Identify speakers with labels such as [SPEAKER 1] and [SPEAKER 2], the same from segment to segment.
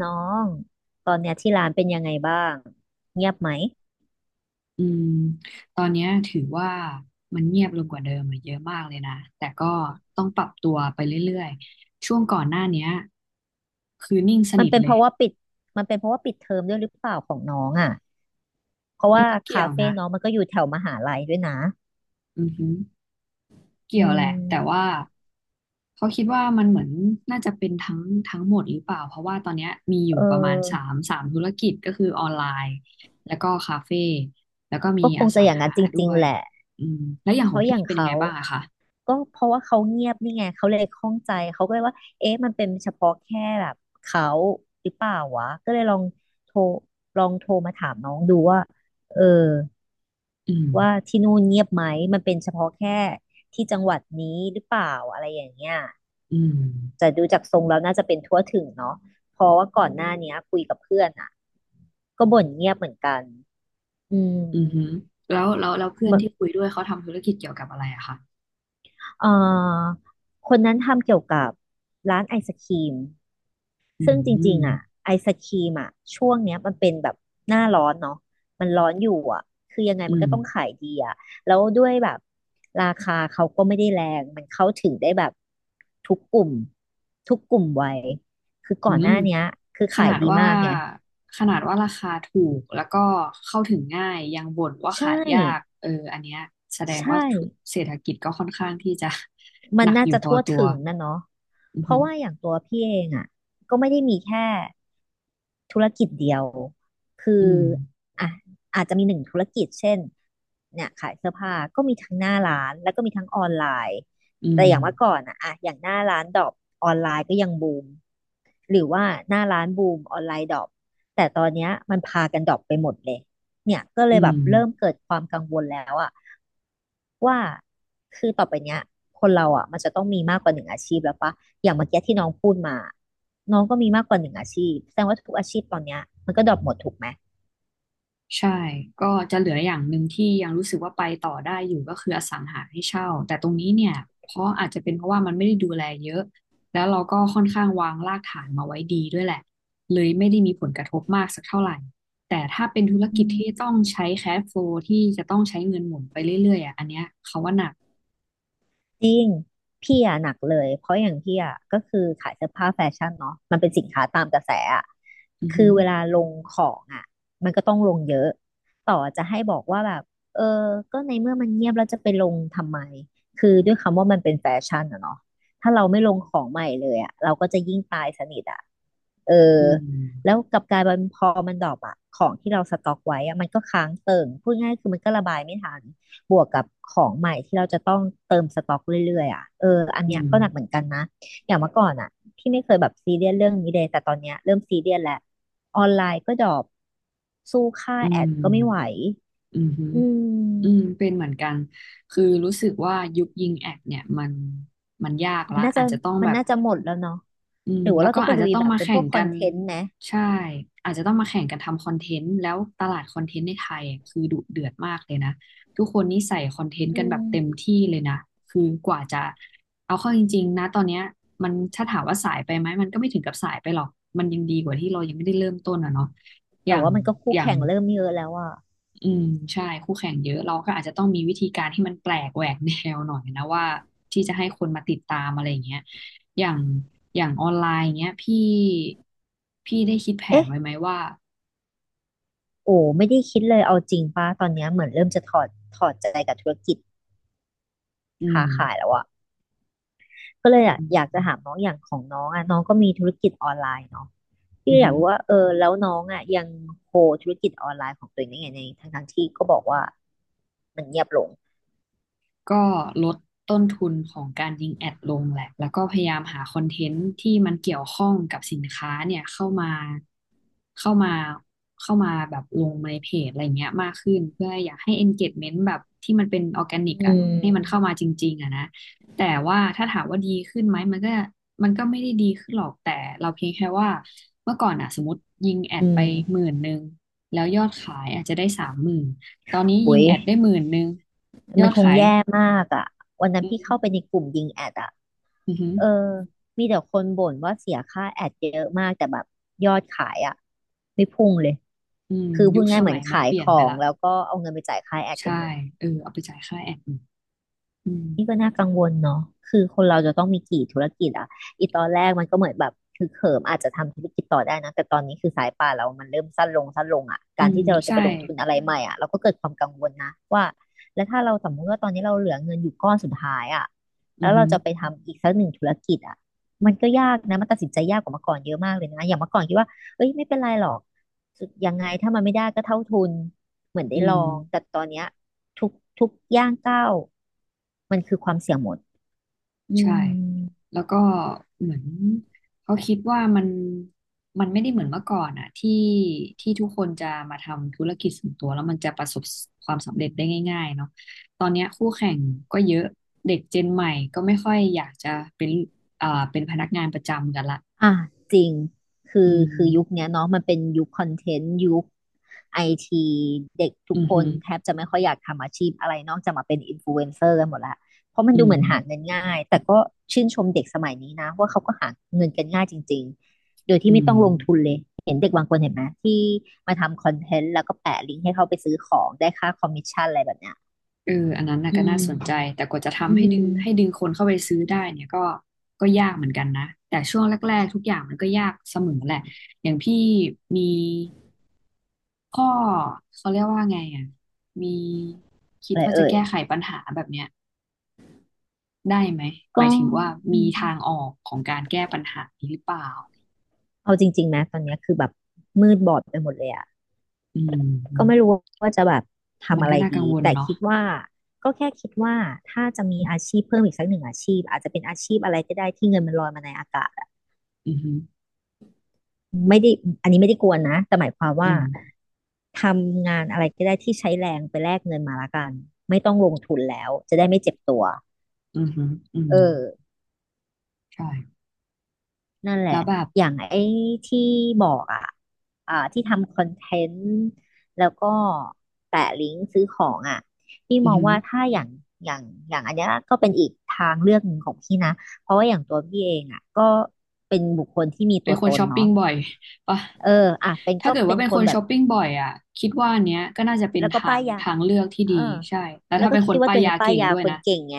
[SPEAKER 1] น้องตอนเนี้ยที่ร้านเป็นยังไงบ้างเงียบไหม
[SPEAKER 2] อืมตอนเนี้ยถือว่ามันเงียบลงกว่าเดิมอะเยอะมากเลยนะ แต่ก็ต้องปรับตัวไปเรื่อยๆ ช่วงก่อนหน้าเนี้ยคือนิ่งส
[SPEAKER 1] มัน
[SPEAKER 2] นิท
[SPEAKER 1] เป็น
[SPEAKER 2] เล
[SPEAKER 1] เพ
[SPEAKER 2] ย
[SPEAKER 1] ราะว่าปิดมันเป็นเพราะว่าปิดเทอมด้วยหรือเปล่าของน้องอ่ะเพราะ
[SPEAKER 2] มัน
[SPEAKER 1] ว่า
[SPEAKER 2] ก็เกี่
[SPEAKER 1] คา
[SPEAKER 2] ยว
[SPEAKER 1] เฟ่
[SPEAKER 2] นะ
[SPEAKER 1] น้องมันก็อยู่แถวมหาลัยด้วยนะ
[SPEAKER 2] อือหือ
[SPEAKER 1] อื
[SPEAKER 2] เกี่ยวแหละ แต่ว่า
[SPEAKER 1] ม
[SPEAKER 2] เขาคิดว่ามันเหมือนน่าจะเป็นทั้งหมดหรือเปล่า เพราะว่าตอนเนี้ยมีอยู่
[SPEAKER 1] เอ
[SPEAKER 2] ประมาณสา
[SPEAKER 1] อ
[SPEAKER 2] มสามธุรกิจก็คือออนไลน์แล้วก็คาเฟ่แล้วก็มี
[SPEAKER 1] ก็ค
[SPEAKER 2] อ
[SPEAKER 1] งจะ
[SPEAKER 2] สัง
[SPEAKER 1] อย่างนั้
[SPEAKER 2] หา
[SPEAKER 1] นจ
[SPEAKER 2] ด้
[SPEAKER 1] ริง
[SPEAKER 2] ว
[SPEAKER 1] ๆ
[SPEAKER 2] ย
[SPEAKER 1] แหละ
[SPEAKER 2] อืมแล้วอย่าง
[SPEAKER 1] เพ
[SPEAKER 2] ของ
[SPEAKER 1] ราะอ
[SPEAKER 2] พี่
[SPEAKER 1] ย่าง
[SPEAKER 2] เป็นยัง
[SPEAKER 1] เขา
[SPEAKER 2] ไงบ้างอะคะ
[SPEAKER 1] ก็เพราะว่าเขาเงียบนี่ไงเขาเลยข้องใจเขาก็เลยว่าเอ๊ะมันเป็นเฉพาะแค่แบบเขาหรือเปล่าวะก็เลยลองโทรโทรมาถามน้องดูว่าเออ
[SPEAKER 2] อืม
[SPEAKER 1] ว่าที่นู่นเงียบไหมมันเป็นเฉพาะแค่ที่จังหวัดนี้หรือเปล่าอะไรอย่างเงี้ย
[SPEAKER 2] อืม
[SPEAKER 1] แต่ดูจากทรงแล้วน่าจะเป็นทั่วถึงเนาะเพราะว่าก่อนหน้าเนี้ยคุยกับเพื่อนอ่ะก็บ่นเงียบเหมือนกันอืม
[SPEAKER 2] อือหือแล้วเพื่อน
[SPEAKER 1] มัน
[SPEAKER 2] ที่คุยด้วยเขาทำธุรกิจเกี่ยวกับอะไรอะคะ
[SPEAKER 1] เอ่อคนนั้นทำเกี่ยวกับร้านไอศกรีม
[SPEAKER 2] อื
[SPEAKER 1] ซึ่งจริงๆอ่ะ
[SPEAKER 2] ม
[SPEAKER 1] ไอศครีมอ่ะช่วงเนี้ยมันเป็นแบบหน้าร้อนเนาะมันร้อนอยู่อ่ะคือยังไง
[SPEAKER 2] อื
[SPEAKER 1] มัน
[SPEAKER 2] ม
[SPEAKER 1] ก็ต้องขายดีอ่ะแล้วด้วยแบบราคาเขาก็ไม่ได้แรงมันเข้าถึงได้แบบทุกกลุ่มทุกกลุ่มวัยคือ
[SPEAKER 2] อื
[SPEAKER 1] ก่อนห
[SPEAKER 2] ม
[SPEAKER 1] น้าเนี้ยคือ
[SPEAKER 2] ข
[SPEAKER 1] ขา
[SPEAKER 2] นา
[SPEAKER 1] ย
[SPEAKER 2] ด
[SPEAKER 1] ดี
[SPEAKER 2] ว่า
[SPEAKER 1] มากไง
[SPEAKER 2] ขนาดว่าราคาถูกแล้วก็เข้าถึงง่ายยังบ่นว่า
[SPEAKER 1] ใช่
[SPEAKER 2] ขายยากเอออันเนี้ยแสด
[SPEAKER 1] ใช
[SPEAKER 2] งว่า
[SPEAKER 1] ่
[SPEAKER 2] เศรษฐกิจก็ค่อนข้างที่จะ
[SPEAKER 1] มั
[SPEAKER 2] ห
[SPEAKER 1] น
[SPEAKER 2] นัก
[SPEAKER 1] น่า
[SPEAKER 2] อยู่
[SPEAKER 1] จะ
[SPEAKER 2] พอ
[SPEAKER 1] ทั่ว
[SPEAKER 2] ตัว
[SPEAKER 1] ถึงนะเนาะ
[SPEAKER 2] อือ
[SPEAKER 1] เพ
[SPEAKER 2] หื
[SPEAKER 1] ราะ
[SPEAKER 2] อ
[SPEAKER 1] ว่าอย่างตัวพี่เองอ่ะก็ไม่ได้มีแค่ ธุรกิจเดียวคื
[SPEAKER 2] อื
[SPEAKER 1] อ
[SPEAKER 2] ม
[SPEAKER 1] อ่ะอาจจะมีหนึ่งธุรกิจเช่นเนี่ยขายเสื้อผ้าก็มีทั้งหน้าร้านแล้วก็มีทั้งออนไลน์
[SPEAKER 2] อืม
[SPEAKER 1] แต่อย่างเมื่อก่อนอะอย่างหน้าร้านดรอปออนไลน์ก็ยังบูมหรือว่าหน้าร้านบูมออนไลน์ดรอปแต่ตอนเนี้ยมันพากันดรอปไปหมดเลยเนี่ยก็เล
[SPEAKER 2] อื
[SPEAKER 1] ยแบบเริ่ม
[SPEAKER 2] ม
[SPEAKER 1] เกิดความกังวลแล้วอะว่าคือต่อไปเนี้ยคนเราอะมันจะต้องมีมากกว่าหนึ่งอาชีพแล้วปะอย่างเมื่อกี้ที่น้องพูดมา น้องก็มีมากกว่าหนึ่งอาชีพแสดงว่าทุกอาชีพตอนเนี้ยมันก็ดรอปหมดถูกไหม
[SPEAKER 2] ใช่ ก็จะเหลืออย่างหนึ่งที่ยังรู้สึกว่าไปต่อได้อยู่ก็คืออสังหาให้เช่าแต่ตรงนี้เนี่ยเพราะอาจจะเป็นเพราะว่ามันไม่ได้ดูแลเยอะแล้วเราก็ค่อนข้างวางรากฐานมาไว้ดีด้วยแหละเลยไม่ได้มีผลกระทบมากสักเท่าไหร่แต่ถ้าเป็นธุร
[SPEAKER 1] อื
[SPEAKER 2] กิจที่
[SPEAKER 1] ม
[SPEAKER 2] ต้องใช้แคชโฟลที่จะต้องใช้เงินหมุนไปเรื่อยๆอ่ะอันเนี้ยเขาว่าหนัก
[SPEAKER 1] จริงพี่อะหนักเลยเพราะอย่างพี่อะก็คือขายเสื้อผ้าแฟชั่นเนาะมันเป็นสินค้าตามกระแสอะ
[SPEAKER 2] อือหื
[SPEAKER 1] คือ
[SPEAKER 2] อ
[SPEAKER 1] เวลาลงของอะมันก็ต้องลงเยอะต่อจะให้บอกว่าแบบเออก็ในเมื่อมันเงียบแล้วจะไปลงทำไมคือด้วยคำว่ามันเป็นแฟชั่นอะเนาะถ้าเราไม่ลงของใหม่เลยอะเราก็จะยิ่งตายสนิทอะเออ
[SPEAKER 2] อื
[SPEAKER 1] แล้ว
[SPEAKER 2] ม
[SPEAKER 1] กลับกลายเป็นพอมันดรอปอะของที่เราสต็อกไว้อะมันก็ค้างเติ่งพูดง่ายคือมันก็ระบายไม่ทัน บวกกับของใหม่ที่เราจะต้องเติมสต็อกเรื่อยๆอ่ะเอออัน
[SPEAKER 2] อื
[SPEAKER 1] เนี้ย
[SPEAKER 2] ม
[SPEAKER 1] ก็หนักเหมือนกันนะอย่างเมื่อก่อนอ่ะที่ไม่เคยแบบซีเรียสเรื่องนี้เลยแต่ตอนเนี้ยเริ่มซีเรียสแล้วออนไลน์ก็ดรอปสู้ค่า
[SPEAKER 2] อื
[SPEAKER 1] แอ
[SPEAKER 2] ม
[SPEAKER 1] ดก็ไม่ไหว
[SPEAKER 2] อือฮึ
[SPEAKER 1] อื
[SPEAKER 2] อืม
[SPEAKER 1] ม
[SPEAKER 2] เป็นเหมือนกันคือรู้สึกว่ายุคยิงแอดเนี่ยมันยาก
[SPEAKER 1] มั
[SPEAKER 2] ละ
[SPEAKER 1] นน่าจะ
[SPEAKER 2] อาจจะต้อง
[SPEAKER 1] มั
[SPEAKER 2] แบ
[SPEAKER 1] น
[SPEAKER 2] บ
[SPEAKER 1] น่าจะหมดแล้วเนาะ
[SPEAKER 2] อืม
[SPEAKER 1] หรือว่า
[SPEAKER 2] แล้ว
[SPEAKER 1] เรา
[SPEAKER 2] ก็
[SPEAKER 1] ต้องไป
[SPEAKER 2] อาจ
[SPEAKER 1] ลุ
[SPEAKER 2] จะ
[SPEAKER 1] ย
[SPEAKER 2] ต้อง
[SPEAKER 1] แบบ
[SPEAKER 2] มา
[SPEAKER 1] เป็น
[SPEAKER 2] แข่
[SPEAKER 1] พว
[SPEAKER 2] ง
[SPEAKER 1] กค
[SPEAKER 2] กั
[SPEAKER 1] อน
[SPEAKER 2] น
[SPEAKER 1] เทนต์นะ
[SPEAKER 2] ใช่อาจจะต้องมาแข่งกันทำคอนเทนต์แล้วตลาดคอนเทนต์ในไทยอะคือดุเดือดมากเลยนะทุกคนนี่ใส่คอนเทนต์
[SPEAKER 1] อื
[SPEAKER 2] กันแบบเต็ม
[SPEAKER 1] ม
[SPEAKER 2] ที่เลยนะคือกว่าจะเอาเข้าจริงๆนะตอนเนี้ยมันถ้าถามว่าสายไปไหมมันก็ไม่ถึงกับสายไปหรอกมันยังดีกว่าที่เรายังไม่ได้เริ่มต้นอะเนาะอ
[SPEAKER 1] แต่
[SPEAKER 2] ย่าง
[SPEAKER 1] ว่ามันก็คู่
[SPEAKER 2] อย่าง
[SPEAKER 1] แข่งเริ่มเยอะแล้วอ่ะ
[SPEAKER 2] อืมใช่คู่แข่งเยอะเราก็อาจจะต้องมีวิธีการที่มันแปลกแหวกแนวหน่อยนะว่าที่จะให้คนมาติดตามอะไรอย่างเงี้ยอย่างอย่างออนไลน์อย่างเงี้ยพี่ได้คิดแผน
[SPEAKER 1] เอ๊ะ
[SPEAKER 2] ไว้ไหมว่า
[SPEAKER 1] โอ้ไม่ได้คิดเลยเอาจริงป้าตอนเนี้ยเหมือนเริ่มจะถอดใจกับธุรกิจ
[SPEAKER 2] อื
[SPEAKER 1] ค้า
[SPEAKER 2] ม
[SPEAKER 1] ขายแล้วอะ ก็เลยอะ
[SPEAKER 2] อื
[SPEAKER 1] อยากจะถาม
[SPEAKER 2] ม
[SPEAKER 1] น้องอย่างของน้องอะน้องก็มีธุรกิจออนไลน์เนาะ
[SPEAKER 2] อื
[SPEAKER 1] พี่อยากรู้ว่า
[SPEAKER 2] ม
[SPEAKER 1] เออแล้วน้องอะยังโฮธุรกิจออนไลน์ของตัวเองได้ไงในทั้งที่ก็บอกว่ามันเงียบลง
[SPEAKER 2] ก็ลดต้นทุนของการยิงแอดลงแหละแล้วก็พยายามหาคอนเทนต์ที่มันเกี่ยวข้องกับสินค้าเนี่ยเข้ามาเข้ามาแบบลงในเพจอะไรเงี้ยมากขึ้นเพื่ออยากให้ engagement แบบที่มันเป็นออร์แกนิก
[SPEAKER 1] อื
[SPEAKER 2] อ่ะ
[SPEAKER 1] ม
[SPEAKER 2] ให้มันเข้ามาจริงๆอ่ะนะแต่ว่าถ้าถามว่าดีขึ้นไหมมันก็ไม่ได้ดีขึ้นหรอกแต่เราเพียงแค่ว่าเมื่อก่อนอ่ะสมมติยิงแอด
[SPEAKER 1] อื
[SPEAKER 2] ไป
[SPEAKER 1] ม
[SPEAKER 2] หมื่นหนึ่งแล้วยอดขายอาจจะได้30,000ตอนนี้ยิ
[SPEAKER 1] โอ้
[SPEAKER 2] ง
[SPEAKER 1] ย
[SPEAKER 2] แอดได้หมื่นหนึ่งย
[SPEAKER 1] มั
[SPEAKER 2] อ
[SPEAKER 1] น
[SPEAKER 2] ด
[SPEAKER 1] คง
[SPEAKER 2] ขาย
[SPEAKER 1] แย่มากอ่ะวันนั้น
[SPEAKER 2] อื
[SPEAKER 1] พี่
[SPEAKER 2] ม
[SPEAKER 1] เข้าไปในกลุ่มยิงแอดอ่ะ
[SPEAKER 2] อืมอหือ
[SPEAKER 1] เออมีแต่คนบ่นว่าเสียค่าแอดเยอะมากแต่แบบยอดขายอ่ะไม่พุ่งเลย
[SPEAKER 2] อืม
[SPEAKER 1] คือพู
[SPEAKER 2] ยุ
[SPEAKER 1] ด
[SPEAKER 2] ค
[SPEAKER 1] ง่า
[SPEAKER 2] ส
[SPEAKER 1] ยเหมือ
[SPEAKER 2] มั
[SPEAKER 1] น
[SPEAKER 2] ยมัน
[SPEAKER 1] ขาย
[SPEAKER 2] เปลี่
[SPEAKER 1] ข
[SPEAKER 2] ยน
[SPEAKER 1] อ
[SPEAKER 2] ไป
[SPEAKER 1] ง
[SPEAKER 2] ละ
[SPEAKER 1] แล้วก็เอาเงินไปจ่ายค่าแอดกั
[SPEAKER 2] ใช่
[SPEAKER 1] นหมด
[SPEAKER 2] เออเอาไปจ่ายค่าแอดมินอืม
[SPEAKER 1] นี่ก็น่ากังวลเนาะคือคนเราจะต้องมีกี่ธุรกิจอะอีตอนแรกมันก็เหมือนแบบคือเขิมอาจจะทำธุรกิจต่อได้นะแต่ตอนนี้คือสายป่านเรามันเริ่มสั้นลงสั้นลงอะ
[SPEAKER 2] อื
[SPEAKER 1] การ
[SPEAKER 2] ม
[SPEAKER 1] ที่เราจะ
[SPEAKER 2] ใช่
[SPEAKER 1] ไปลงทุนอะไรใหม่อะเราก็เกิดความกังวลนะว่าแล้วถ้าเราสมมติว่าตอนนี้เราเหลือเงินอยู่ก้อนสุดท้ายอะ
[SPEAKER 2] อื
[SPEAKER 1] แล้
[SPEAKER 2] อ
[SPEAKER 1] ว
[SPEAKER 2] หื
[SPEAKER 1] เรา
[SPEAKER 2] อ
[SPEAKER 1] จะไปทำอีกสักหนึ่งธุรกิจอะมันก็ยากนะมันตัดสินใจยากกว่าเมื่อก่อนเยอะมากเลยนะอย่างเมื่อก่อนคิดว่าเอ้ยไม่เป็นไรหรอกสุดยังไงถ้ามันไม่ได้ก็เท่าทุน เหมือนได้
[SPEAKER 2] อื
[SPEAKER 1] ลอ
[SPEAKER 2] ม
[SPEAKER 1] ง แต่ตอนเนี้ยทุกทุกย่างก้าวมันคือความเสี่ยงหมดอื
[SPEAKER 2] ใช่
[SPEAKER 1] ม
[SPEAKER 2] แล้วก็เหมือนเขาคิดว่ามันไม่ได้เหมือนเมื่อก่อนอะที่ทุกคนจะมาทำธุรกิจส่วนตัวแล้วมันจะประสบความสำเร็จได้ง่ายๆเนาะตอนเนี้ยคู่แข่งก็เยอะเด็กเจนใหม่ก็ไม่ค่อยอยากจะเป็นเป็นพนักงานประจำกันละ
[SPEAKER 1] อ่ะจริง คื
[SPEAKER 2] อื
[SPEAKER 1] อคือยุค
[SPEAKER 2] ม
[SPEAKER 1] เนี้ยเนาะมันเป็นยุคคอนเทนต์ยุคไอทีเด็กทุก
[SPEAKER 2] อือ
[SPEAKER 1] ค
[SPEAKER 2] หื
[SPEAKER 1] น
[SPEAKER 2] อ
[SPEAKER 1] แทบจะไม่ค่อยอยากทำอาชีพอะไรนอกจากมาเป็นอินฟลูเอนเซอร์กันหมดละเพราะมัน
[SPEAKER 2] อื
[SPEAKER 1] ดู
[SPEAKER 2] ม
[SPEAKER 1] เหมือนหาเงินง่าย แต่ก็ชื่นชมเด็กสมัยนี้นะว่าเขาก็หาเงินกันง่ายจริงๆโดย
[SPEAKER 2] อื
[SPEAKER 1] ที่ไม่
[SPEAKER 2] ม
[SPEAKER 1] ต้องลงทุนเลยเห็นเด็กบางคนเห็นไหมที่มาทำคอนเทนต์แล้วก็แปะลิงก์ให้เขาไปซื้อของได้ค่าคอมมิชชั่นอะไรแบบเนี้ย
[SPEAKER 2] เอออันนั้นน่ะ
[SPEAKER 1] อื
[SPEAKER 2] ก็น่าสนใจแต่
[SPEAKER 1] ม
[SPEAKER 2] กว่าจะทำ
[SPEAKER 1] อื
[SPEAKER 2] ให้ดึ
[SPEAKER 1] ม
[SPEAKER 2] งคนเข้าไปซื้อได้เนี่ยก็ยากเหมือนกันนะแต่ช่วงแรกๆทุกอย่างมันก็ยากเสมอแหละอย่างพี่มีข้อเขาเรียกว่าไงอ่ะมีคิด
[SPEAKER 1] อะไร
[SPEAKER 2] ว่าจะ
[SPEAKER 1] เอ่ย
[SPEAKER 2] แก้ไขปัญหาแบบเนี้ยได้ไหมห
[SPEAKER 1] ก็
[SPEAKER 2] มายถึงว่า
[SPEAKER 1] อื
[SPEAKER 2] มีทาง
[SPEAKER 1] ม
[SPEAKER 2] ออกของการแก้ปัญหานี้หรือเปล่า
[SPEAKER 1] เอาจริงๆนะตอนเนี้ยคือแบบมืดบอดไปหมดเลยอ่ะ
[SPEAKER 2] อื
[SPEAKER 1] ก็ไม่รู้
[SPEAKER 2] ม
[SPEAKER 1] ว่าจะแบบ
[SPEAKER 2] มั
[SPEAKER 1] ทำ
[SPEAKER 2] น
[SPEAKER 1] อะ
[SPEAKER 2] ก็
[SPEAKER 1] ไร
[SPEAKER 2] น่ากั
[SPEAKER 1] ดี
[SPEAKER 2] งวล
[SPEAKER 1] แต่
[SPEAKER 2] เนาะ
[SPEAKER 1] คิดว่าก็แค่คิดว่าถ้าจะมีอาชีพเพิ่มอีกสักหนึ่งอาชีพอาจจะเป็นอาชีพอะไรก็ได้ที่เงินมันลอยมาในอากาศอะ
[SPEAKER 2] อือหือ
[SPEAKER 1] ไม่ได้อันนี้ไม่ได้กวนนะแต่หมายความ
[SPEAKER 2] อื
[SPEAKER 1] ว่า
[SPEAKER 2] ม
[SPEAKER 1] ทำงานอะไรก็ได้ที่ใช้แรงไปแลกเงินมาละกันไม่ต้องลงทุนแล้วจะได้ไม่เจ็บตัว
[SPEAKER 2] อือหืออืม
[SPEAKER 1] เออ
[SPEAKER 2] ใช่
[SPEAKER 1] นั่นแหละ
[SPEAKER 2] แล้วแบบ
[SPEAKER 1] อย่างไอ้ที่บอกอ่ะที่ทำคอนเทนต์แล้วก็แปะลิงก์ซื้อของอ่ะพี่
[SPEAKER 2] อื
[SPEAKER 1] ม
[SPEAKER 2] อ
[SPEAKER 1] อง
[SPEAKER 2] หือ
[SPEAKER 1] ว่าถ้าอย่างอย่างอันเนี้ยก็เป็นอีกทางเลือกหนึ่งของพี่นะเพราะว่าอย่างตัวพี่เองอ่ะก็เป็นบุคคลที่มี
[SPEAKER 2] เป็
[SPEAKER 1] ตั
[SPEAKER 2] น
[SPEAKER 1] ว
[SPEAKER 2] ค
[SPEAKER 1] ต
[SPEAKER 2] น
[SPEAKER 1] น
[SPEAKER 2] ช้อป
[SPEAKER 1] เนาะ
[SPEAKER 2] ปิ้งบ่อยปะ
[SPEAKER 1] เอออ่ะเป็น
[SPEAKER 2] ถ้า
[SPEAKER 1] ก็
[SPEAKER 2] เกิด
[SPEAKER 1] เป็
[SPEAKER 2] ว่า
[SPEAKER 1] น
[SPEAKER 2] เป็น
[SPEAKER 1] ค
[SPEAKER 2] ค
[SPEAKER 1] น
[SPEAKER 2] น
[SPEAKER 1] แบ
[SPEAKER 2] ช้
[SPEAKER 1] บ
[SPEAKER 2] อปปิ้งบ่อยอ่ะคิดว่าอันเนี้ยก็น่าจะเป็น
[SPEAKER 1] แล้วก็ป้ายยา
[SPEAKER 2] ทางเลือกที่
[SPEAKER 1] เออ
[SPEAKER 2] ดีใช่แล้ว
[SPEAKER 1] แล้ว
[SPEAKER 2] ถ้า
[SPEAKER 1] ก็
[SPEAKER 2] เป็นค
[SPEAKER 1] คิ
[SPEAKER 2] น
[SPEAKER 1] ดว่า
[SPEAKER 2] ป้า
[SPEAKER 1] ตัว
[SPEAKER 2] ย
[SPEAKER 1] เอง
[SPEAKER 2] ยา
[SPEAKER 1] เป็นป้าย
[SPEAKER 2] เก่ง
[SPEAKER 1] ยา
[SPEAKER 2] ด้วย
[SPEAKER 1] คน
[SPEAKER 2] นะ
[SPEAKER 1] เก่งไง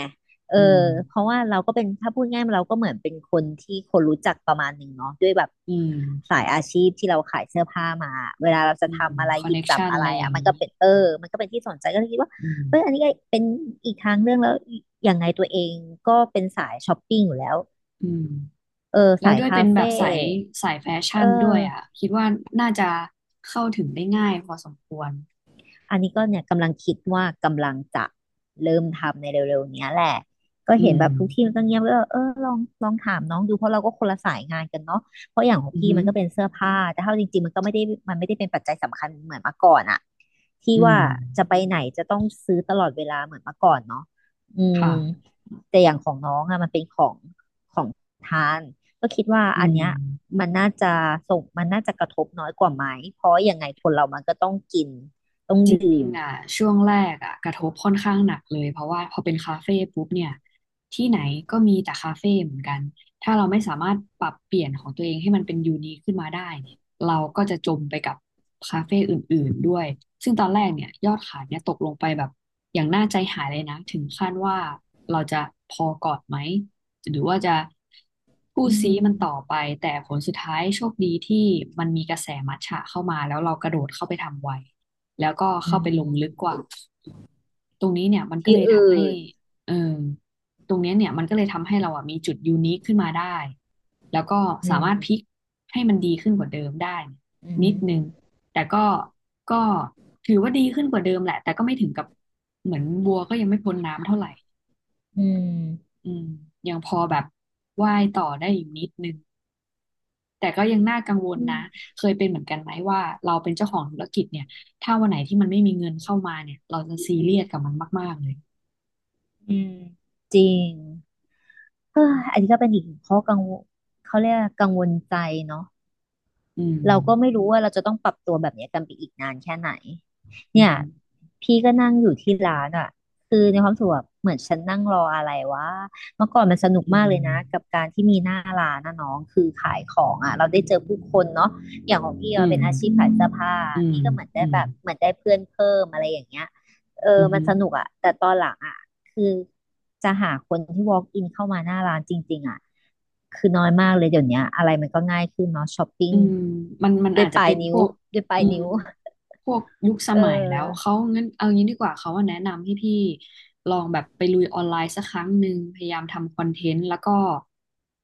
[SPEAKER 1] เออ
[SPEAKER 2] อืม
[SPEAKER 1] เพราะว่าเราก็เป็นถ้าพูดง่ายๆเราก็เหมือนเป็นคนที่คนรู้จักประมาณหนึ่งเนาะด้วยแบบ
[SPEAKER 2] อืม
[SPEAKER 1] สายอาชีพที่เราขายเสื้อผ้ามาเวลาเราจะ
[SPEAKER 2] อืม
[SPEAKER 1] ทำอะไร
[SPEAKER 2] คอ
[SPEAKER 1] ห
[SPEAKER 2] น
[SPEAKER 1] ยิ
[SPEAKER 2] เน็
[SPEAKER 1] บ
[SPEAKER 2] ก
[SPEAKER 1] จับ
[SPEAKER 2] ชัน
[SPEAKER 1] อะ
[SPEAKER 2] อะ
[SPEAKER 1] ไร
[SPEAKER 2] ไรอ
[SPEAKER 1] อ่ะ
[SPEAKER 2] ย่าง
[SPEAKER 1] มัน
[SPEAKER 2] นี้
[SPEAKER 1] ก็เป็นเออมันก็เป็นที่สนใจก็เลยคิดว่า
[SPEAKER 2] อืม
[SPEAKER 1] เอออันนี้ก็เป็นอีกทางเรื่องแล้วอย่างไงตัวเองก็เป็นสายช้อปปิ้งอยู่แล้ว
[SPEAKER 2] อืม
[SPEAKER 1] เออ
[SPEAKER 2] แล้ว
[SPEAKER 1] สาย
[SPEAKER 2] ด้วย
[SPEAKER 1] คา
[SPEAKER 2] เป็นแบบ
[SPEAKER 1] เฟ่
[SPEAKER 2] สายแฟชั่
[SPEAKER 1] เออ
[SPEAKER 2] นด้วยอ่ะคิดว่าน่าจะเข้าถึงได้ง่ายพอสมควร
[SPEAKER 1] อันนี้ก็เนี่ยกำลังคิดว่ากำลังจะเริ่มทำในเร็วๆเนี้ยแหละก็
[SPEAKER 2] อื
[SPEAKER 1] เห็น
[SPEAKER 2] ม
[SPEAKER 1] แบบทุกที่มันก็เงียบก็เออลองถามน้องดูเพราะเราก็คนละสายงานกันเนาะเพราะอย่างของ
[SPEAKER 2] อือ
[SPEAKER 1] พี่
[SPEAKER 2] ฮึ
[SPEAKER 1] มันก็เป็นเสื้อผ้าแต่เท่าจริงๆมันไม่ได้เป็นปัจจัยสำคัญเหมือนเมื่อก่อนอะที่
[SPEAKER 2] อื
[SPEAKER 1] ว่า
[SPEAKER 2] ม
[SPEAKER 1] จะไปไหนจะต้องซื้อตลอดเวลาเหมือนเมื่อก่อนเนาะอืม
[SPEAKER 2] ค่ะ
[SPEAKER 1] แต่อย่างของน้องอะมันเป็นของทานก็คิดว่า
[SPEAKER 2] อื
[SPEAKER 1] อัน
[SPEAKER 2] ม
[SPEAKER 1] เนี้ยมันน่าจะมันน่าจะกระทบน้อยกว่าไหมเพราะยังไงคนเรามันก็ต้องกิน ต้อง
[SPEAKER 2] จ
[SPEAKER 1] ด
[SPEAKER 2] ริ
[SPEAKER 1] ื่
[SPEAKER 2] ง
[SPEAKER 1] ม
[SPEAKER 2] ๆอ่ะช่วงแรกอ่ะกระทบค่อนข้างหนักเลยเพราะว่าพอเป็นคาเฟ่ปุ๊บเนี่ยที่ไหนก็มีแต่คาเฟ่เหมือนกัน ถ้าเราไม่สามารถปรับเปลี่ยนของตัวเองให้มันเป็นยูนิคขึ้นมาได้เนี่ยเราก็จะจมไปกับคาเฟ่อื่นๆด้วย ซึ่งตอนแรกเนี่ยยอดขายเนี่ยตกลงไปแบบอย่างน่าใจหายเลยนะถึงขั้นว่าเราจะพอก่อนไหมหรือว่าจะพูด
[SPEAKER 1] อื
[SPEAKER 2] ซีมันต่อ
[SPEAKER 1] ม
[SPEAKER 2] ไปแต่ผลสุดท้ายโชคดีที่มันมีกระแสมัทฉะเข้ามาแล้วเรากระโดดเข้าไปทำไว แล้วก็
[SPEAKER 1] อื
[SPEAKER 2] เข้าไปลงลึกกว่า
[SPEAKER 1] ม
[SPEAKER 2] ตรงนี้เนี่ยมันก็
[SPEAKER 1] ที่
[SPEAKER 2] เลยทำ
[SPEAKER 1] อื่
[SPEAKER 2] ให้
[SPEAKER 1] น
[SPEAKER 2] เออตรงเนี้ยเนี่ยมันก็เลยทำให้เราอ่ะมีจุดยูนิคขึ้นมาได้แล้วก็
[SPEAKER 1] อื
[SPEAKER 2] สา
[SPEAKER 1] ม
[SPEAKER 2] มารถพลิกให้มันดีขึ้นกว่าเดิมได้
[SPEAKER 1] อื
[SPEAKER 2] นิด
[SPEAKER 1] ม
[SPEAKER 2] นึงแต่ก็ก็ถือว่าดีขึ้นกว่าเดิมแหละแต่ก็ไม่ถึงกับเหมือนบัวก็ยังไม่พ้นน้ำเท่าไหร่
[SPEAKER 1] อืม
[SPEAKER 2] อืมยังพอแบบว่ายต่อได้อยู่นิดนึง แต่ก็ยังน่ากังวล
[SPEAKER 1] อื
[SPEAKER 2] นะ
[SPEAKER 1] ม
[SPEAKER 2] เคยเป็นเหมือนกันไหมว่าเราเป็นเจ้าของธุรกิจเนี่ย ถ้าวันไหนที่มันไม่มีเงินเข้ามาเนี่ย เราจะซีเรียสกับมันมากๆเลย
[SPEAKER 1] อืมจริงเอออันนี้ก็เป็นอีกหนึ่งข้อกังวลเขาเรียกว่ากังวลใจเนาะ
[SPEAKER 2] อืม
[SPEAKER 1] เราก็ไม่รู้ว่าเราจะต้องปรับตัวแบบเนี้ยกันไปอีกนานแค่ไหน
[SPEAKER 2] อื
[SPEAKER 1] เนี่ย
[SPEAKER 2] ม
[SPEAKER 1] พี่ก็นั่งอยู่ที่ร้านอ่ะคือในความรู้สุขแบบเหมือนฉันนั่งรออะไรวะเมื่อก่อนมันสนุก
[SPEAKER 2] อื
[SPEAKER 1] มาก
[SPEAKER 2] ม
[SPEAKER 1] เลยนะกับการที่มีหน้าร้านนะน้องคือขายของอ่ะเราได้เจอผู้คนเนาะอย่างของพี่
[SPEAKER 2] อื
[SPEAKER 1] เรา
[SPEAKER 2] ม
[SPEAKER 1] เป็นอาชีพขายเสื้อผ้า
[SPEAKER 2] อืม
[SPEAKER 1] พี่ก็เหมือน
[SPEAKER 2] อื
[SPEAKER 1] ได้
[SPEAKER 2] ม
[SPEAKER 1] แบบเหมือนได้เพื่อนเพิ่มอะไรอย่างเงี้ยเอ
[SPEAKER 2] อื
[SPEAKER 1] อมันส
[SPEAKER 2] ม
[SPEAKER 1] นุกอ่ะแต่ตอนหลังอ่ะคือจะหาคนที่ walk in เข้ามาหน้าร้านจริงๆอ่ะคือน้อยมากเลยเดี๋ยวเนี้ยอะไรมันก็ง่ายขึ้นเนาะช้อปปิ้ง
[SPEAKER 2] อืมมัน
[SPEAKER 1] ด้ว
[SPEAKER 2] อา
[SPEAKER 1] ย
[SPEAKER 2] จ
[SPEAKER 1] ป
[SPEAKER 2] จะ
[SPEAKER 1] ลาย
[SPEAKER 2] เป็นพ
[SPEAKER 1] นิ้ว
[SPEAKER 2] วก
[SPEAKER 1] ด้วยปลา
[SPEAKER 2] อื
[SPEAKER 1] ย
[SPEAKER 2] ม
[SPEAKER 1] นิ้ว
[SPEAKER 2] พวกยุคส
[SPEAKER 1] เอ
[SPEAKER 2] มัยแล้ว
[SPEAKER 1] อ
[SPEAKER 2] เขางั้นเอางี้ดีกว่าเขาว่าแนะนำให้พี่ลองแบบไปลุยออนไลน์สักครั้งหนึ่งพยายามทำคอนเทนต์แล้วก็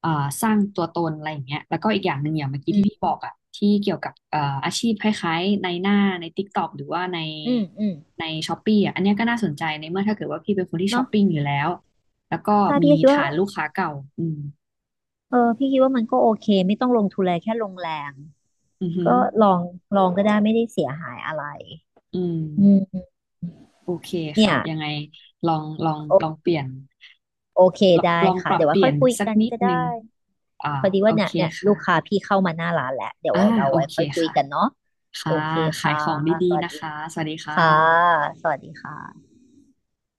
[SPEAKER 2] อ่าสร้างตัวตนอะไรอย่างเงี้ยแล้วก็อีกอย่างหนึ่งอย่างเมื่อกี้ที่พี่บอกอะที่เกี่ยวกับอาชีพคล้ายๆใน TikTok หรือว่าใน
[SPEAKER 1] อืมอืม
[SPEAKER 2] ใน Shopee อะอันเนี้ยก็น่าสนใจในเมื่อถ้าเกิดว่าพี่เป็นคนที่ช้อ
[SPEAKER 1] เนาะ
[SPEAKER 2] ปปิ้งอยู่แล้วแล้วก็
[SPEAKER 1] ใช่พี่
[SPEAKER 2] มี
[SPEAKER 1] ก็คิดว่า
[SPEAKER 2] ฐานลูกค้าเก่าอืม
[SPEAKER 1] เออพี่คิดว่ามันก็โอเคไม่ต้องลงทุนอะไรแค่ลงแรง
[SPEAKER 2] อือหื
[SPEAKER 1] ก็
[SPEAKER 2] อ
[SPEAKER 1] ลองลองก็ได้ไม่ได้เสียหายอะไร
[SPEAKER 2] อืม
[SPEAKER 1] อืม
[SPEAKER 2] โอเค
[SPEAKER 1] เนี่
[SPEAKER 2] ค่ะ
[SPEAKER 1] ย
[SPEAKER 2] ยังไงลองลองลอ
[SPEAKER 1] โอ
[SPEAKER 2] งเปลี่ยน
[SPEAKER 1] โอเค
[SPEAKER 2] ลอง
[SPEAKER 1] ได้
[SPEAKER 2] ลองป
[SPEAKER 1] ค่ะ
[SPEAKER 2] รับ
[SPEAKER 1] เดี๋ยว
[SPEAKER 2] เป
[SPEAKER 1] ไว่า
[SPEAKER 2] ลี่
[SPEAKER 1] ค่
[SPEAKER 2] ย
[SPEAKER 1] อย
[SPEAKER 2] น
[SPEAKER 1] คุย
[SPEAKER 2] สัก
[SPEAKER 1] กัน
[SPEAKER 2] นิด
[SPEAKER 1] ก็ได้
[SPEAKER 2] นึงอ่า
[SPEAKER 1] พอดี
[SPEAKER 2] โอ
[SPEAKER 1] ว่าเนี่
[SPEAKER 2] เค
[SPEAKER 1] ยเนี่ยลู
[SPEAKER 2] ค่ะ
[SPEAKER 1] กค้าพี่เข้ามาหน้าร้านแล้วเดี๋ยว
[SPEAKER 2] อ่า
[SPEAKER 1] เรา
[SPEAKER 2] โอ
[SPEAKER 1] ไว้
[SPEAKER 2] เค
[SPEAKER 1] ค่อยคุย
[SPEAKER 2] ค่ะ
[SPEAKER 1] กันเนาะโอ
[SPEAKER 2] ค่ะ
[SPEAKER 1] เค
[SPEAKER 2] ขาย
[SPEAKER 1] ค่ะ
[SPEAKER 2] ของดี
[SPEAKER 1] สวั
[SPEAKER 2] ๆ
[SPEAKER 1] ส
[SPEAKER 2] นะ
[SPEAKER 1] ดี
[SPEAKER 2] คะ
[SPEAKER 1] ค่ะ
[SPEAKER 2] สวัสดีค่ะ
[SPEAKER 1] สวัสดีค่ะ